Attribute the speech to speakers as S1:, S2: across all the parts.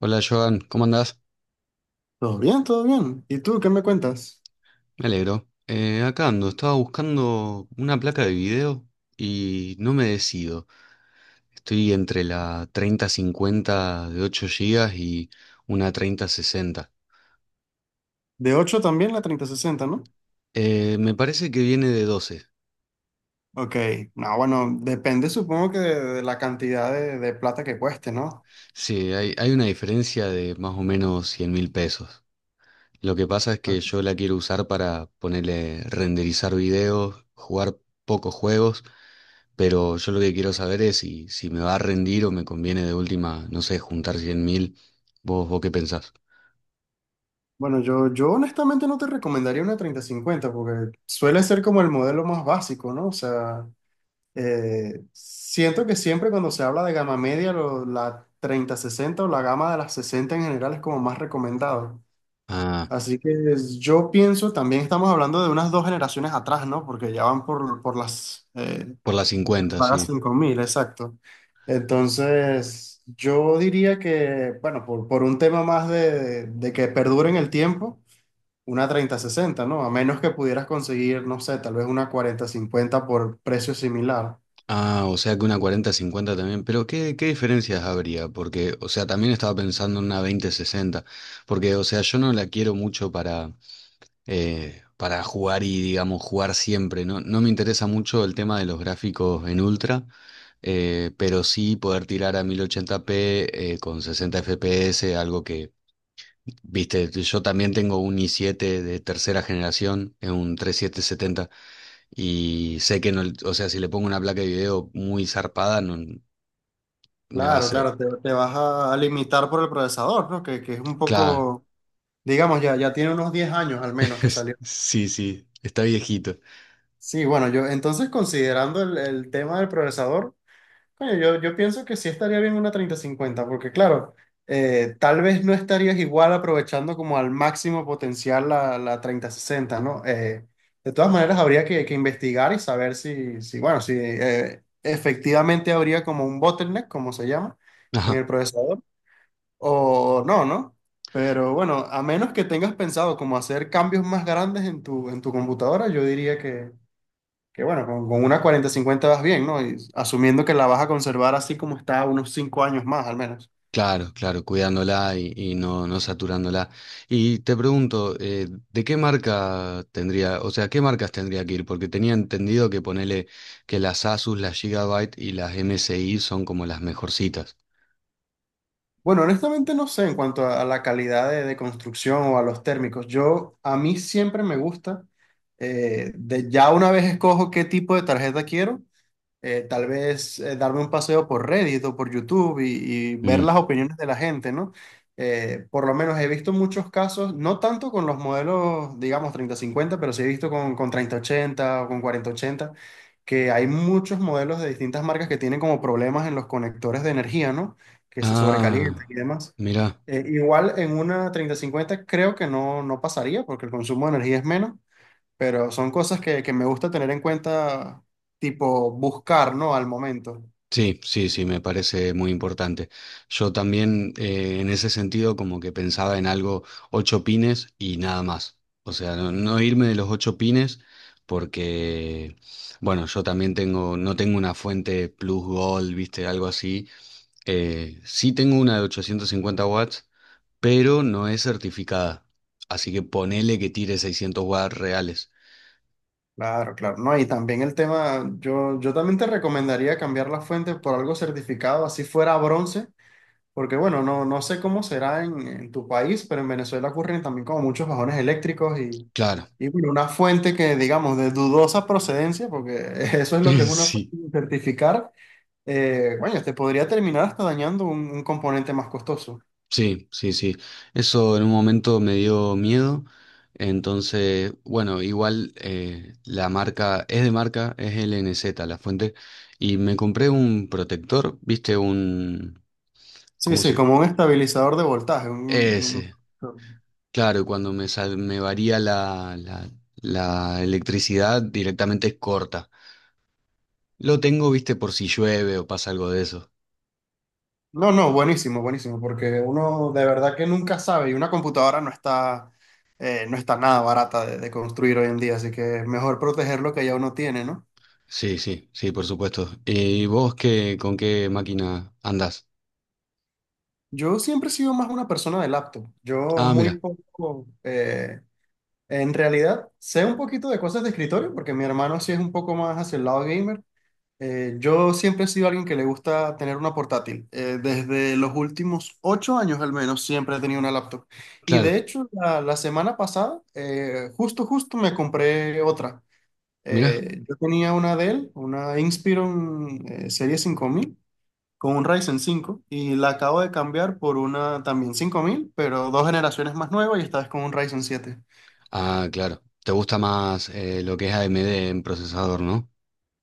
S1: Hola Joan, ¿cómo andás?
S2: Todo bien, todo bien. ¿Y tú qué me cuentas?
S1: Me alegro. Acá ando, estaba buscando una placa de video y no me decido. Estoy entre la treinta-cincuenta de 8 gigas y una 3060.
S2: De 8 también la treinta sesenta, ¿no?
S1: Me parece que viene de 12.
S2: Ok. No, bueno, depende supongo que de la cantidad de plata que cueste, ¿no?
S1: Sí, hay una diferencia de más o menos 100.000 pesos. Lo que pasa es que
S2: Ok.
S1: yo la quiero usar para ponerle renderizar videos, jugar pocos juegos. Pero yo lo que quiero saber es si me va a rendir o me conviene de última, no sé, juntar 100.000. ¿Vos qué pensás?
S2: Bueno, yo honestamente no te recomendaría una treinta cincuenta, porque suele ser como el modelo más básico, ¿no? O sea, siento que siempre cuando se habla de gama media, la treinta sesenta o la gama de las 60 en general es como más recomendado.
S1: Ah,
S2: Así que yo pienso, también estamos hablando de unas dos generaciones atrás, ¿no? Porque ya van por las eh,
S1: por las
S2: las
S1: cincuenta
S2: sagas
S1: sí.
S2: 5000, exacto. Entonces, yo diría que, bueno, por un tema más de que perdure en el tiempo, una treinta sesenta, ¿no? A menos que pudieras conseguir, no sé, tal vez una cuarenta cincuenta por precio similar.
S1: Ah, o sea que una cuarenta cincuenta también. Pero ¿qué diferencias habría? Porque, o sea, también estaba pensando en una veinte sesenta. Porque, o sea, yo no la quiero mucho para jugar y, digamos, jugar siempre. No, no me interesa mucho el tema de los gráficos en ultra. Pero sí poder tirar a 1080p con 60 FPS, algo que... Viste, yo también tengo un i7 de tercera generación, es un 3770, y sé que no, o sea, si le pongo una placa de video muy zarpada, no me va a
S2: Claro,
S1: hacer.
S2: claro, te vas a limitar por el procesador, ¿no? Que es un
S1: Claro,
S2: poco, digamos, ya tiene unos 10 años al menos que salió.
S1: sí, sí, está viejito.
S2: Sí, bueno, yo entonces considerando el tema del procesador, coño, yo pienso que sí estaría bien una treinta cincuenta, porque claro, tal vez no estarías igual aprovechando como al máximo potencial la treinta sesenta, ¿no? De todas maneras, habría que investigar y saber si bueno, si efectivamente habría como un bottleneck, como se llama, en
S1: Ajá,
S2: el procesador, o no, ¿no? Pero bueno, a menos que tengas pensado como hacer cambios más grandes en tu computadora, yo diría que bueno, con una cuarenta cincuenta vas bien, ¿no? Y asumiendo que la vas a conservar así como está unos 5 años más al menos.
S1: claro, claro, cuidándola y, no saturándola. Y te pregunto, ¿de qué marca tendría, o sea, qué marcas tendría que ir? Porque tenía entendido que ponele que las Asus, las Gigabyte y las MSI son como las mejorcitas.
S2: Bueno, honestamente no sé en cuanto a la calidad de construcción o a los térmicos. A mí siempre me gusta, de ya una vez escojo qué tipo de tarjeta quiero, tal vez darme un paseo por Reddit o por YouTube y ver las opiniones de la gente, ¿no? Por lo menos he visto muchos casos, no tanto con los modelos, digamos, treinta cincuenta, pero sí he visto con treinta ochenta o con cuarenta ochenta que hay muchos modelos de distintas marcas que tienen como problemas en los conectores de energía, ¿no? Que se sobrecalientan
S1: Ah,
S2: y demás.
S1: mira,
S2: Igual en una treinta cincuenta creo que no pasaría porque el consumo de energía es menos. Pero son cosas que me gusta tener en cuenta, tipo buscar, ¿no? Al momento.
S1: sí, sí, sí, me parece muy importante. Yo también en ese sentido como que pensaba en algo ocho pines y nada más. O sea, no irme de los ocho pines porque, bueno, yo también tengo, no tengo una fuente plus gold, viste, algo así. Sí tengo una de 850 watts, pero no es certificada. Así que ponele que tire 600 watts reales.
S2: Claro, claro, ¿no? Y también el tema, yo también te recomendaría cambiar la fuente por algo certificado, así fuera bronce, porque bueno, no sé cómo será en tu país, pero en Venezuela ocurren también como muchos bajones eléctricos y,
S1: Claro,
S2: y bueno, una fuente que digamos de dudosa procedencia, porque eso es lo que es una fuente
S1: sí.
S2: sin certificar, bueno, te podría terminar hasta dañando un componente más costoso.
S1: Sí, sí, sí. Eso en un momento me dio miedo. Entonces, bueno, igual la marca es de marca, es LNZ la fuente. Y me compré un protector, ¿viste? Un...
S2: Sí,
S1: ¿Cómo
S2: sí,
S1: se...?
S2: como un estabilizador de voltaje.
S1: Ese.
S2: Un-
S1: Claro, y cuando me, me varía la electricidad directamente es corta. Lo tengo, ¿viste? Por si llueve o pasa algo de eso.
S2: No, no, buenísimo, buenísimo, porque uno de verdad que nunca sabe y una computadora no está, no está nada barata de construir hoy en día, así que es mejor proteger lo que ya uno tiene, ¿no?
S1: Sí, sí, sí, por supuesto. ¿Y vos qué, con qué máquina andás?
S2: Yo siempre he sido más una persona de laptop. Yo
S1: Ah,
S2: muy
S1: mira,
S2: poco, en realidad, sé un poquito de cosas de escritorio, porque mi hermano sí es un poco más hacia el lado gamer. Yo siempre he sido alguien que le gusta tener una portátil. Desde los últimos 8 años al menos siempre he tenido una laptop. Y de
S1: claro.
S2: hecho, la semana pasada, justo me compré otra.
S1: Mira.
S2: Yo tenía una Dell, una Inspiron Serie 5000 con un Ryzen 5 y la acabo de cambiar por una también 5000 pero dos generaciones más nueva y esta vez con un Ryzen 7.
S1: Ah, claro. Te gusta más lo que es AMD en procesador, ¿no?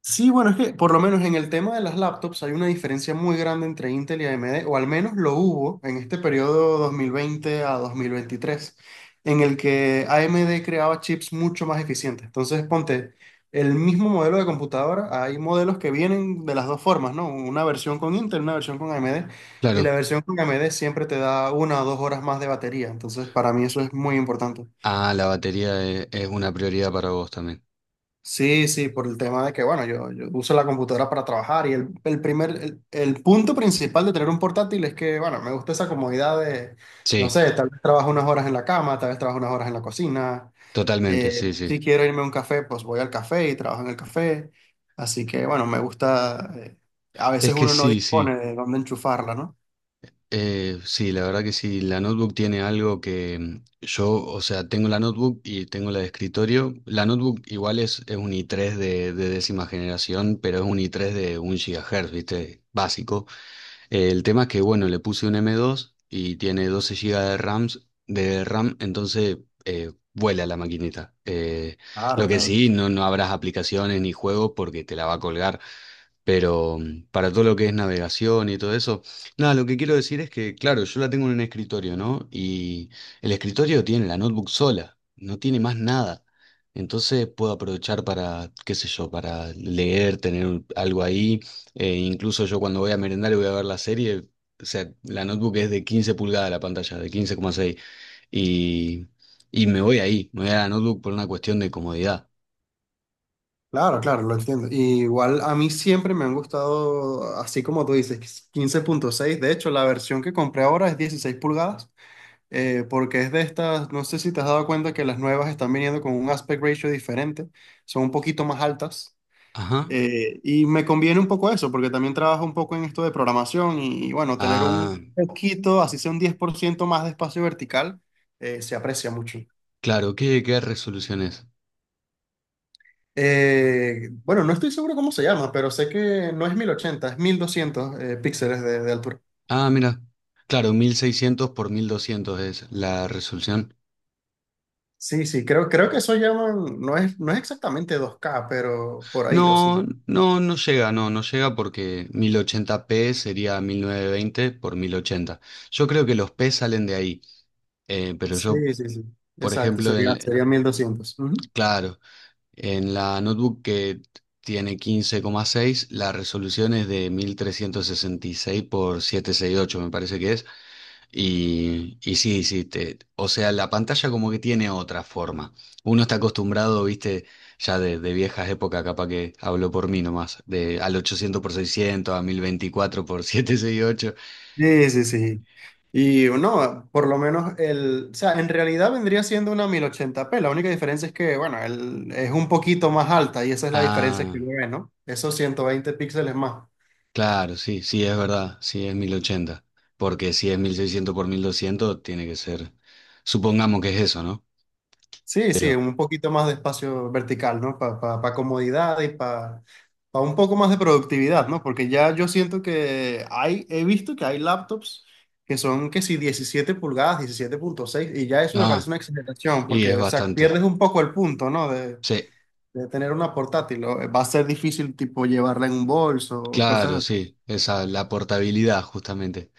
S2: Sí, bueno, es que por lo menos en el tema de las laptops hay una diferencia muy grande entre Intel y AMD, o al menos lo hubo en este periodo 2020 a 2023, en el que AMD creaba chips mucho más eficientes. Entonces, ponte, el mismo modelo de computadora, hay modelos que vienen de las dos formas, ¿no? Una versión con Intel, una versión con AMD, y la
S1: Claro.
S2: versión con AMD siempre te da 1 o 2 horas más de batería. Entonces, para mí eso es muy importante.
S1: Ah, la batería es una prioridad para vos también.
S2: Sí, sí, por el tema de que, bueno, yo uso la computadora para trabajar y el punto principal de tener un portátil es que, bueno, me gusta esa comodidad de, no
S1: Sí,
S2: sé, tal vez trabajo unas horas en la cama, tal vez trabajo unas horas en la cocina,
S1: totalmente, sí, sí.
S2: si quiero irme a un café, pues voy al café y trabajo en el café, así que, bueno, me gusta, a veces
S1: Es que
S2: uno no
S1: sí, sí.
S2: dispone de dónde enchufarla, ¿no?
S1: Sí, la verdad que sí. La notebook tiene algo que yo, o sea, tengo la notebook y tengo la de escritorio. La notebook igual es un i3 de décima generación, pero es un i3 de un GHz, ¿viste? Básico. El tema es que, bueno, le puse un M2 y tiene 12 GB de RAMs, de RAM, entonces vuela la maquinita.
S2: Claro,
S1: Lo que
S2: claro.
S1: sí, no habrás aplicaciones ni juegos porque te la va a colgar. Pero, para todo lo que es navegación y todo eso, nada, lo que quiero decir es que, claro, yo la tengo en un escritorio, ¿no? Y el escritorio tiene la notebook sola, no tiene más nada. Entonces puedo aprovechar para, qué sé yo, para leer, tener algo ahí. Incluso yo cuando voy a merendar y voy a ver la serie, o sea, la notebook es de 15 pulgadas la pantalla, de 15,6. Y, y me voy ahí, me voy a la notebook por una cuestión de comodidad.
S2: Claro, claro, lo entiendo. Y igual a mí siempre me han gustado, así como tú dices, 15,6. De hecho, la versión que compré ahora es 16 pulgadas, porque es de estas, no sé si te has dado cuenta que las nuevas están viniendo con un aspect ratio diferente, son un poquito más altas.
S1: Ajá.
S2: Y me conviene un poco eso, porque también trabajo un poco en esto de programación y bueno, tener
S1: Ah,
S2: un poquito, así sea un 10% más de espacio vertical, se aprecia mucho.
S1: claro, ¿qué resolución es?
S2: Bueno, no estoy seguro cómo se llama, pero sé que no es 1080, es 1200 píxeles de altura.
S1: Ah, mira. Claro, 1600 por 1200 es la resolución.
S2: Sí, sí, creo que eso llaman, no es exactamente 2K pero por ahí, o
S1: No,
S2: sí.
S1: no, no llega, no, no llega porque 1080p sería 1920 por 1080. Yo creo que los P salen de ahí, eh, pero yo,
S2: Sí, sí, sí.
S1: por
S2: Exacto,
S1: ejemplo,
S2: sería, sería 1200. Ujú.
S1: claro, en la notebook que tiene 15,6, la resolución es de 1366 por 768, me parece que es. Y sí, sí, o sea, la pantalla como que tiene otra forma. Uno está acostumbrado, viste, ya de viejas épocas, capaz que hablo por mí nomás, de al 800 por 600 a 1024 por 768.
S2: Sí, sí, sí. Y no, por lo menos o sea, en realidad vendría siendo una 1080p La única diferencia es que, bueno, es un poquito más alta y esa es la diferencia
S1: Ah,
S2: que uno ve, ¿no? Esos 120 píxeles más.
S1: claro, sí, sí, es verdad, sí, es 1080. Porque si es 1600 por 1200 tiene que ser, supongamos que es eso, ¿no?
S2: Sí, sí,
S1: Pero,
S2: un poquito más de espacio vertical, ¿no? Para comodidad y para un poco más de productividad, ¿no? Porque ya yo siento que he visto que hay laptops que son que si 17 pulgadas, 17,6 y ya eso me parece
S1: ah,
S2: una exageración,
S1: y es
S2: porque, o sea,
S1: bastante.
S2: pierdes un poco el punto, ¿no? De,
S1: Sí,
S2: de tener una portátil, o va a ser difícil, tipo, llevarla en un bolso o cosas
S1: claro,
S2: así.
S1: sí, esa, la portabilidad justamente.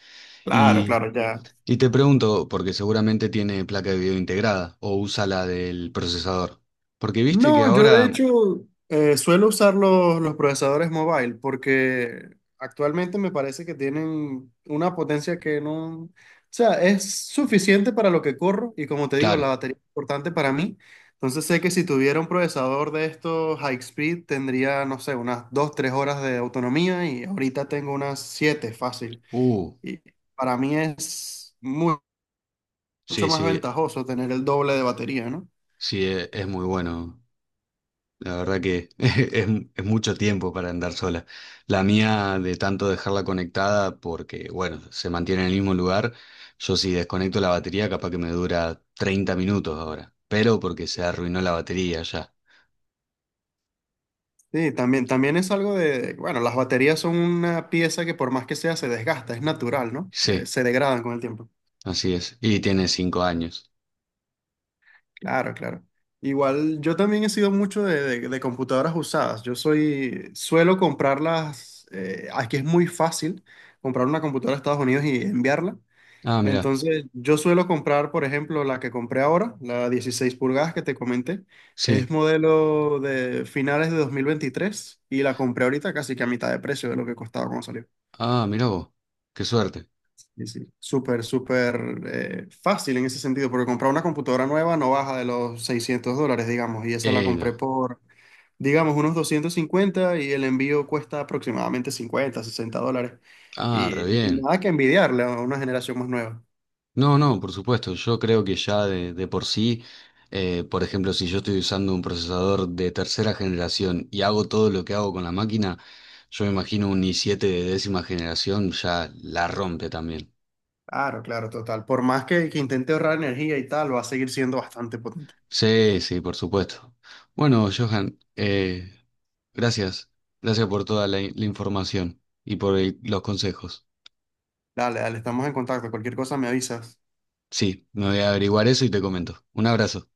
S2: Claro,
S1: Y,
S2: claro, ya.
S1: y te pregunto, porque seguramente tiene placa de video integrada o usa la del procesador. Porque viste que
S2: No, yo de
S1: ahora,
S2: hecho suelo usar los procesadores mobile porque actualmente me parece que tienen una potencia que no, o sea, es suficiente para lo que corro y como te digo,
S1: claro,
S2: la batería es importante para mí. Entonces sé que si tuviera un procesador de estos high speed tendría, no sé, unas 2 3 horas de autonomía y ahorita tengo unas 7 fácil.
S1: uh,
S2: Y para mí es mucho
S1: sí,
S2: más
S1: sí,
S2: ventajoso tener el doble de batería, ¿no?
S1: sí, es muy bueno. La verdad que es mucho tiempo para andar sola. La mía, de tanto dejarla conectada, porque, bueno, se mantiene en el mismo lugar, yo si desconecto la batería, capaz que me dura 30 minutos ahora. Pero porque se arruinó la batería ya.
S2: Sí, también es algo de, bueno, las baterías son una pieza que por más que sea se desgasta, es natural, ¿no?
S1: Sí,
S2: Se degradan con el tiempo.
S1: así es. Y tiene 5 años.
S2: Claro, claro. Igual yo también he sido mucho de computadoras usadas. Suelo comprarlas, aquí es muy fácil comprar una computadora de Estados Unidos y enviarla.
S1: Ah, mira,
S2: Entonces, yo suelo comprar, por ejemplo, la que compré ahora, la 16 pulgadas que te comenté. Es
S1: sí.
S2: modelo de finales de 2023 y la compré ahorita casi que a mitad de precio de lo que costaba cuando salió.
S1: Ah, mirá vos, qué suerte.
S2: Sí, sí. Súper, súper fácil en ese sentido, porque comprar una computadora nueva no baja de los $600, digamos, y esa la compré
S1: No.
S2: por, digamos, unos 250 y el envío cuesta aproximadamente 50 60 dólares.
S1: Ah, re
S2: Y
S1: bien.
S2: nada que envidiarle a una generación más nueva.
S1: No, no, por supuesto, yo creo que ya de por sí, por ejemplo, si yo estoy usando un procesador de tercera generación y hago todo lo que hago con la máquina, yo me imagino un i siete de décima generación ya la rompe también.
S2: Claro, claro, total. Por más que intente ahorrar energía y tal, va a seguir siendo bastante potente.
S1: Sí, sí, por supuesto. Bueno, Johan, gracias. Gracias por toda la, la información y por los consejos.
S2: Dale, dale, estamos en contacto. Cualquier cosa me avisas.
S1: Sí, me voy a averiguar eso y te comento. Un abrazo.